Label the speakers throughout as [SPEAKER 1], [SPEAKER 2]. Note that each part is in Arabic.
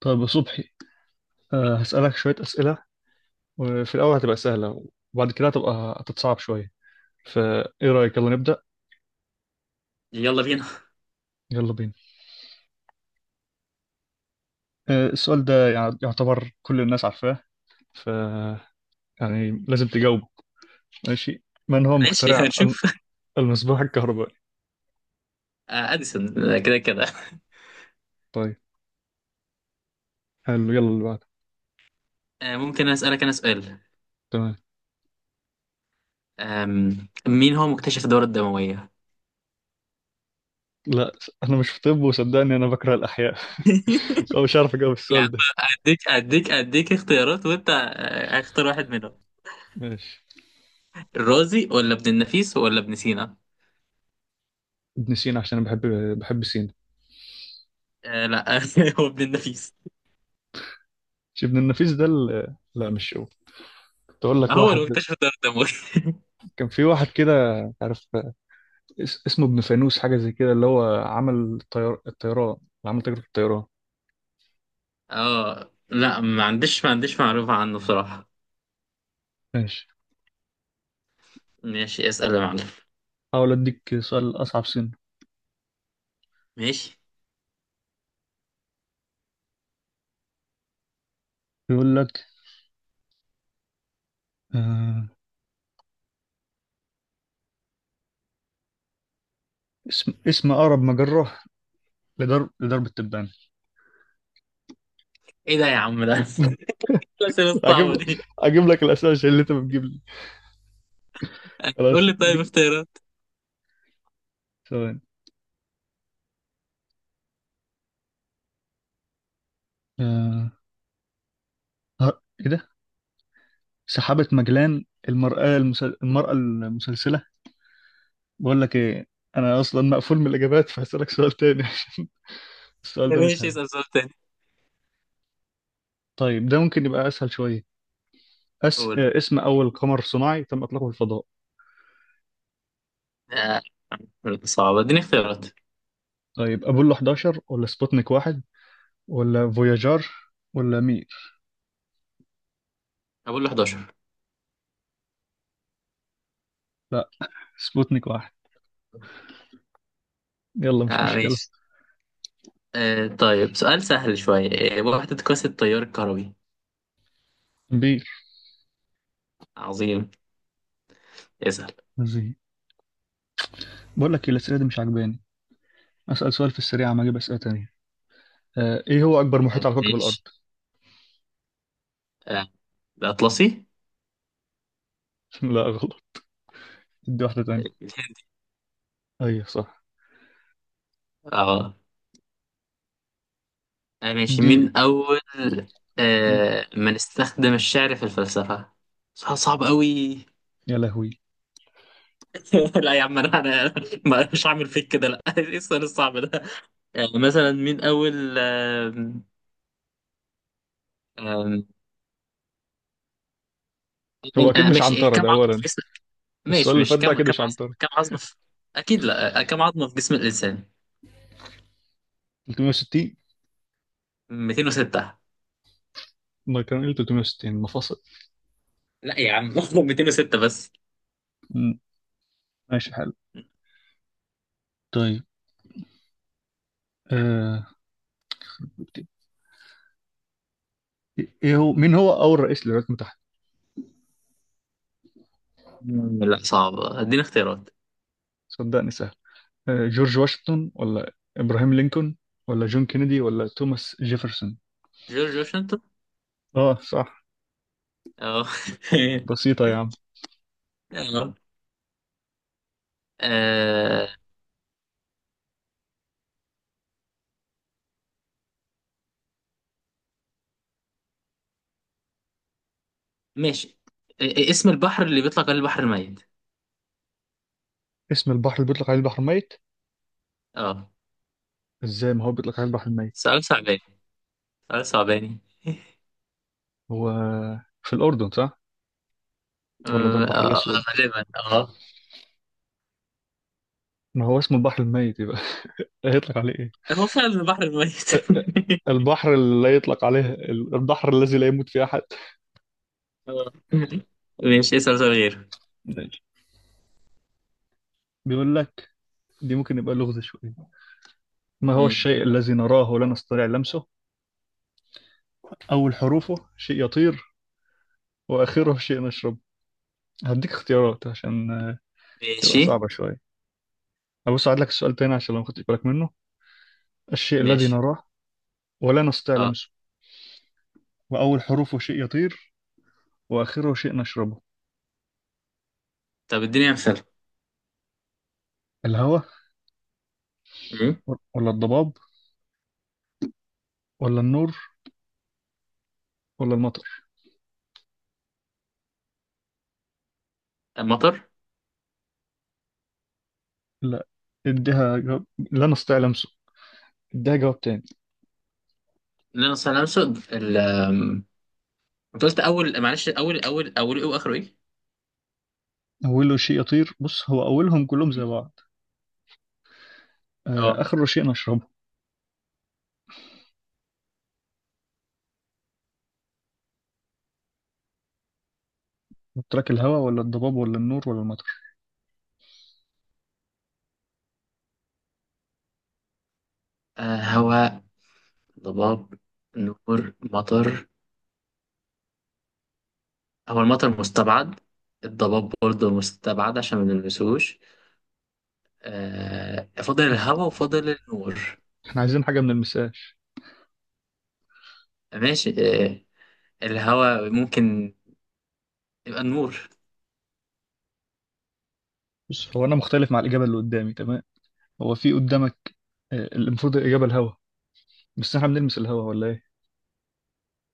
[SPEAKER 1] طيب يا صبحي، هسألك شوية أسئلة، وفي الأول هتبقى سهلة، وبعد كده هتبقى هتتصعب شوية. فإيه رأيك، يلا نبدأ.
[SPEAKER 2] يلا بينا.
[SPEAKER 1] يلا بينا. السؤال ده يعتبر كل الناس عارفاه، ف يعني لازم تجاوبه. ماشي. من هو
[SPEAKER 2] ماشي
[SPEAKER 1] مخترع
[SPEAKER 2] هنشوف.
[SPEAKER 1] المصباح الكهربائي؟
[SPEAKER 2] أديسون. كده كده.
[SPEAKER 1] طيب، حلو، يلا اللي بعده.
[SPEAKER 2] ممكن أسألك أنا سؤال.
[SPEAKER 1] تمام.
[SPEAKER 2] مين هو مكتشف الدورة الدموية؟
[SPEAKER 1] لا، أنا مش في طب، وصدقني أنا بكره الأحياء. فمش عارف أجاوب
[SPEAKER 2] يا عم،
[SPEAKER 1] السؤال ده.
[SPEAKER 2] أديك اختيارات وأنت اختار واحد منهم.
[SPEAKER 1] ماشي.
[SPEAKER 2] الرازي ولا ابن النفيس ولا ابن سينا؟
[SPEAKER 1] ابن سينا، عشان أنا بحب، بحب سينا.
[SPEAKER 2] آه لا، هو ابن النفيس.
[SPEAKER 1] مش ابن النفيس ده لا مش هو. كنت أقول لك
[SPEAKER 2] هو اللي
[SPEAKER 1] واحد،
[SPEAKER 2] مكتشف الدورة الدموية.
[SPEAKER 1] كان في واحد كده، مش عارف، اسمه ابن فانوس، حاجة زي كده، اللي هو عمل الطيار، الطيران اللي عمل تجربة الطيران.
[SPEAKER 2] اه لا، ما عنديش معلومة عنه بصراحة.
[SPEAKER 1] ماشي.
[SPEAKER 2] ماشي، اسأل يا معلم.
[SPEAKER 1] حاول اديك سؤال اصعب سنة.
[SPEAKER 2] ماشي،
[SPEAKER 1] بيقول لك، آه اسم اقرب مجرة لدرب التبانة.
[SPEAKER 2] ايه ده يا عم ده؟ الأسئلة
[SPEAKER 1] اجيب
[SPEAKER 2] الصعبة
[SPEAKER 1] لك
[SPEAKER 2] دي.
[SPEAKER 1] اجيب لك الاسئلة عشان اللي انت بتجيب لي.
[SPEAKER 2] قول
[SPEAKER 1] خلاص،
[SPEAKER 2] لي طيب اختيارات.
[SPEAKER 1] ثواني. آه ايه ده، سحابة مجلان، المرأة المسل... المرأة المسلسلة. بقول لك ايه، انا اصلا مقفول من الاجابات، فهسألك سؤال تاني عشان السؤال ده مش
[SPEAKER 2] ماشي،
[SPEAKER 1] حلو.
[SPEAKER 2] اسأل سؤال تاني.
[SPEAKER 1] طيب ده ممكن يبقى اسهل شوية. أس...
[SPEAKER 2] قول.
[SPEAKER 1] اسم أول قمر صناعي تم إطلاقه في الفضاء.
[SPEAKER 2] آه، صعبة، اديني اختيارات.
[SPEAKER 1] طيب، أبولو 11 ولا سبوتنيك واحد ولا فوياجر ولا مير؟
[SPEAKER 2] أقول له 11.
[SPEAKER 1] لا، سبوتنيك واحد. يلا مش
[SPEAKER 2] آه
[SPEAKER 1] مشكلة.
[SPEAKER 2] ماشي. آه، طيب سؤال سهل شوية. آه، وحدة قياس التيار الكهربي.
[SPEAKER 1] مير.
[SPEAKER 2] عظيم، اسأل.
[SPEAKER 1] زي، بقول لك الأسئلة دي مش عاجباني. أسأل سؤال في السريع عم أجيب أسئلة تانية. إيه هو أكبر محيط
[SPEAKER 2] آه
[SPEAKER 1] على كوكب الأرض؟
[SPEAKER 2] ماشي. آه، الأطلسي.
[SPEAKER 1] لا، غلط. دي واحدة تانية. أيوة، صح.
[SPEAKER 2] اه. ماشي،
[SPEAKER 1] اديني.
[SPEAKER 2] مين أول
[SPEAKER 1] مم.
[SPEAKER 2] من استخدم الشعر في الفلسفة؟ سؤال صعب أوي.
[SPEAKER 1] يا لهوي،
[SPEAKER 2] لا يا عم، أنا مش هعمل فيك كده، لا. إيه السؤال الصعب ده؟ آه، مثلا مين أول آه
[SPEAKER 1] هو أكيد مش
[SPEAKER 2] ماشي.
[SPEAKER 1] عنترة
[SPEAKER 2] كم
[SPEAKER 1] ده
[SPEAKER 2] عقد؟
[SPEAKER 1] أولا. السؤال
[SPEAKER 2] ماشي
[SPEAKER 1] اللي
[SPEAKER 2] ماشي
[SPEAKER 1] فات ده أكيد مش عنترة.
[SPEAKER 2] كم عظمة في... أكيد لا. كم عظمة في جسم الإنسان؟
[SPEAKER 1] 360.
[SPEAKER 2] 206.
[SPEAKER 1] ما كان إيه، 360 مفاصل.
[SPEAKER 2] لا يا عم. 206 بس.
[SPEAKER 1] مم. ماشي، حلو. طيب. آه. ايه هو، مين هو اول رئيس للولايات المتحده؟
[SPEAKER 2] لا صعب، اديني اختيارات.
[SPEAKER 1] صدقني سهل. جورج واشنطن ولا ابراهام لينكولن ولا جون كينيدي ولا توماس جيفرسون؟
[SPEAKER 2] جورج واشنطن.
[SPEAKER 1] اه صح.
[SPEAKER 2] اه.
[SPEAKER 1] بسيطه يا عم.
[SPEAKER 2] آه. آه، ماشي. اسم البحر اللي بيطلق عليه البحر الميت.
[SPEAKER 1] اسم البحر اللي بيطلق عليه البحر الميت؟
[SPEAKER 2] اه.
[SPEAKER 1] ازاي، ما هو بيطلق عليه البحر الميت.
[SPEAKER 2] سؤال صعباني.
[SPEAKER 1] هو في الاردن صح، ولا ده
[SPEAKER 2] آه،
[SPEAKER 1] البحر
[SPEAKER 2] آه،
[SPEAKER 1] الاسود؟
[SPEAKER 2] غالبا اه.
[SPEAKER 1] ما هو اسمه البحر الميت، يبقى هيطلق عليه ايه؟
[SPEAKER 2] هو فعلا البحر الميت.
[SPEAKER 1] البحر اللي لا يطلق عليه البحر الذي لا يموت فيه احد.
[SPEAKER 2] آه. ماشي، اسأل سؤال غير.
[SPEAKER 1] ماشي، بيقول لك، دي ممكن يبقى لغز شويه. ما هو
[SPEAKER 2] مم.
[SPEAKER 1] الشيء الذي نراه ولا نستطيع لمسه، أول حروفه شيء يطير، واخره شيء نشرب. هديك اختيارات عشان تبقى
[SPEAKER 2] ماشي
[SPEAKER 1] صعبة شوية. أبص، أعيد لك السؤال تاني عشان لو ما خدتش بالك منه. الشيء الذي
[SPEAKER 2] ماشي
[SPEAKER 1] نراه ولا نستطيع
[SPEAKER 2] اه،
[SPEAKER 1] لمسه، وأول حروفه شيء يطير، وآخره شيء نشربه.
[SPEAKER 2] طب اديني امثله.
[SPEAKER 1] الهواء
[SPEAKER 2] مم.
[SPEAKER 1] ولا الضباب ولا النور ولا المطر؟
[SPEAKER 2] المطر.
[SPEAKER 1] لا. اديها جواب، لا نستطيع لمسه. اديها جواب تاني.
[SPEAKER 2] لا نستطيع ان نرصد ال آم، انت قلت اول، معلش، اول ايه واخره ايه؟
[SPEAKER 1] أوله شيء يطير، بص هو أولهم كلهم زي
[SPEAKER 2] مم.
[SPEAKER 1] بعض.
[SPEAKER 2] اه.
[SPEAKER 1] آخره شيء نشربه. قلت لك الهواء ولا الضباب ولا النور ولا المطر.
[SPEAKER 2] آه، هواء، ضباب، نور، مطر. هو المطر مستبعد، الضباب برضه مستبعد عشان ما نلمسوش. آه، فاضل الهواء وفاضل النور.
[SPEAKER 1] احنا عايزين حاجة من المساش.
[SPEAKER 2] ماشي آه، الهواء ممكن، يبقى النور.
[SPEAKER 1] بص، هو أنا مختلف مع الإجابة اللي قدامي، تمام؟ هو في قدامك، المفروض الإجابة الهوا. بس احنا بنلمس الهوا ولا ايه؟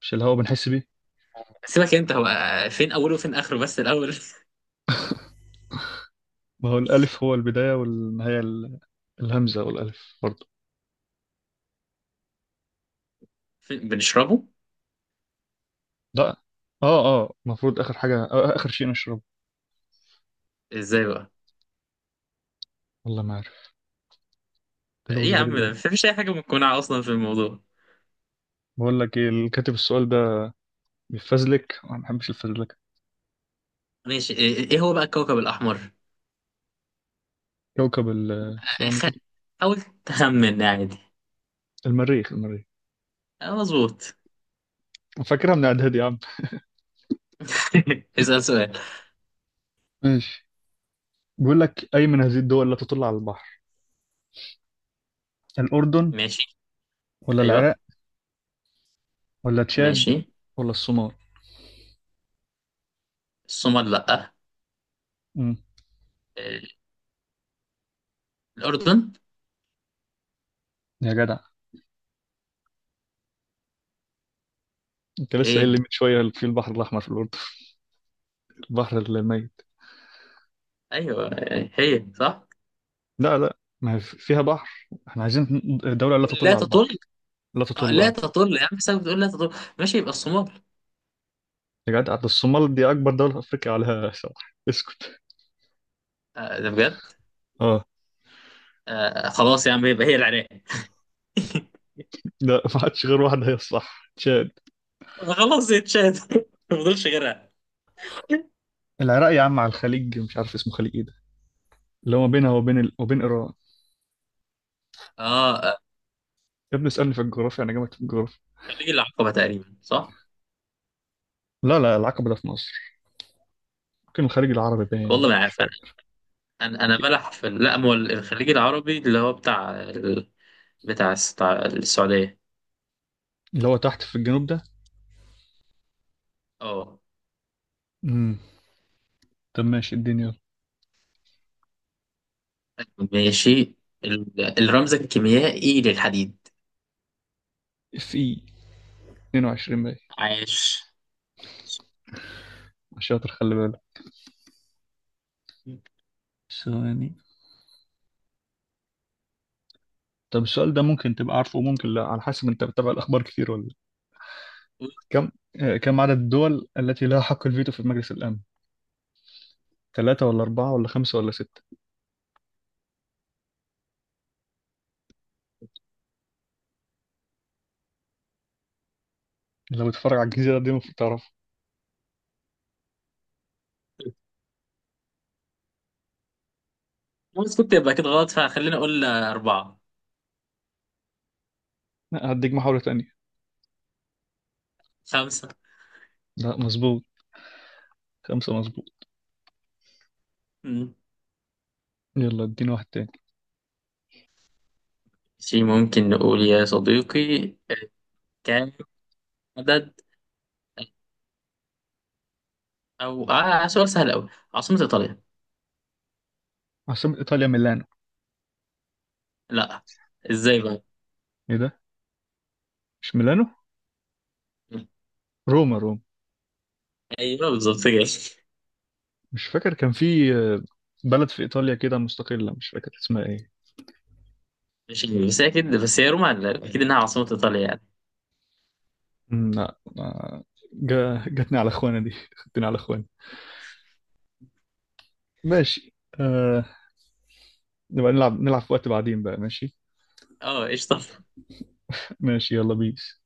[SPEAKER 1] مش الهوا بنحس بيه.
[SPEAKER 2] سيبك انت، هو فين اوله وفين اخره بس
[SPEAKER 1] ما هو الألف هو البداية والنهاية، الهمزة والألف برضه.
[SPEAKER 2] فين بنشربه؟
[SPEAKER 1] لا، اه اه، المفروض آخر حاجة، آه آخر شيء نشربه.
[SPEAKER 2] ازاي بقى؟
[SPEAKER 1] والله ما عارف. تلوث
[SPEAKER 2] ايه يا
[SPEAKER 1] غريب
[SPEAKER 2] عم ده،
[SPEAKER 1] أوي.
[SPEAKER 2] مفيش اي حاجه مقنعه اصلا في الموضوع.
[SPEAKER 1] بقول لك ايه، اللي كاتب السؤال ده بيفزلك، أنا ما بحبش الفزلكة.
[SPEAKER 2] ماشي. إيه هو بقى الكوكب الاحمر؟
[SPEAKER 1] كوكب الثواني
[SPEAKER 2] أخ...
[SPEAKER 1] كده.
[SPEAKER 2] حاول تخمن عادي.
[SPEAKER 1] المريخ.
[SPEAKER 2] اه مظبوط.
[SPEAKER 1] فاكرها من إعدادي يا عم.
[SPEAKER 2] اسال سؤال.
[SPEAKER 1] ماشي، بيقول لك، أي من هذه الدول لا تطل على البحر؟ الأردن
[SPEAKER 2] ماشي.
[SPEAKER 1] ولا
[SPEAKER 2] ايوه.
[SPEAKER 1] العراق ولا تشاد
[SPEAKER 2] ماشي.
[SPEAKER 1] ولا الصومال؟
[SPEAKER 2] الصومال، لا.
[SPEAKER 1] امم
[SPEAKER 2] إيه، الاردن.
[SPEAKER 1] يا جدع، انت لسه قايل لي
[SPEAKER 2] ايه.
[SPEAKER 1] من شويه في البحر الاحمر في الاردن، البحر الميت.
[SPEAKER 2] ايوه، إيه، هي صح.
[SPEAKER 1] لا لا، ما هي فيها بحر، احنا عايزين دوله لا
[SPEAKER 2] تقول
[SPEAKER 1] تطل
[SPEAKER 2] لا
[SPEAKER 1] على البحر.
[SPEAKER 2] تطل؟
[SPEAKER 1] لا
[SPEAKER 2] آه،
[SPEAKER 1] تطل،
[SPEAKER 2] لا
[SPEAKER 1] اه.
[SPEAKER 2] تطل يا عم سايب، بتقول لا تطل. ماشي، يبقى الصومال.
[SPEAKER 1] يا جدع، ده الصومال دي اكبر دوله في افريقيا عليها ساحل. اسكت.
[SPEAKER 2] آه، ده بجد.
[SPEAKER 1] اه.
[SPEAKER 2] آه، خلاص يا عم، يبقى هي العراق.
[SPEAKER 1] لا، ما عادش غير واحده هي الصح، تشاد.
[SPEAKER 2] خلاص، يا تشاد. ما فضلش غيرها.
[SPEAKER 1] العراق يا عم على الخليج، مش عارف اسمه خليج ايه ده، اللي هو ما بينها وبين ال... وبين ايران.
[SPEAKER 2] اه. آه،
[SPEAKER 1] يا ابني اسالني في الجغرافيا، انا جامد في الجغرافيا.
[SPEAKER 2] خليج العقبه تقريبا صح.
[SPEAKER 1] لا لا، العقبه ده في مصر. ممكن الخليج العربي،
[SPEAKER 2] والله
[SPEAKER 1] باين
[SPEAKER 2] ما
[SPEAKER 1] مش
[SPEAKER 2] عارف انا.
[SPEAKER 1] فاكر.
[SPEAKER 2] انا أنا بلح لا، ما هو الخليج العربي، اللي هو بتاع بتاع السعوديه.
[SPEAKER 1] اللي هو تحت في الجنوب ده.
[SPEAKER 2] اه
[SPEAKER 1] امم طب ماشي الدنيا.
[SPEAKER 2] ماشي. الرمز الكيميائي للحديد.
[SPEAKER 1] في 22 باين.
[SPEAKER 2] عاش.
[SPEAKER 1] عشان خلي بالك، ثواني. طب السؤال ده ممكن تبقى عارفه وممكن لا، على حسب انت بتتابع الاخبار كتير ولا لأ. كم، كم عدد الدول التي لها حق الفيتو في مجلس الامن؟ ثلاثة ولا أربعة ولا خمسة ولا ستة؟ لو بتتفرج على الجزيرة دي المفروض تعرفها.
[SPEAKER 2] بس كنت يبقى كده غلط، فخلينا اقول اربعه.
[SPEAKER 1] لا، هديك محاولة تانية.
[SPEAKER 2] خمسه.
[SPEAKER 1] لا، مظبوط. خمسة مظبوط.
[SPEAKER 2] مم.
[SPEAKER 1] يلا اديني واحد تاني.
[SPEAKER 2] ماشي، ممكن نقول يا صديقي. كام عدد، او آه، سؤال سهل قوي. عاصمه ايطاليا.
[SPEAKER 1] عاصمة إيطاليا ميلانو.
[SPEAKER 2] لا، ازاي بقى؟
[SPEAKER 1] ايه ده، مش ميلانو، روما.
[SPEAKER 2] ايوه، بالظبط كده.
[SPEAKER 1] مش فاكر كان في بلد في إيطاليا كده مستقلة، مش فاكر اسمها ايه.
[SPEAKER 2] مش عارف، بس هي روما اكيد انها عاصمة ايطاليا يعني.
[SPEAKER 1] لا، جاتني على اخواني دي خدتني على اخواني. ماشي. آه، نبقى نلعب في وقت بعدين بقى. ماشي.
[SPEAKER 2] اه قشطة.
[SPEAKER 1] ماشي، يلا بيس.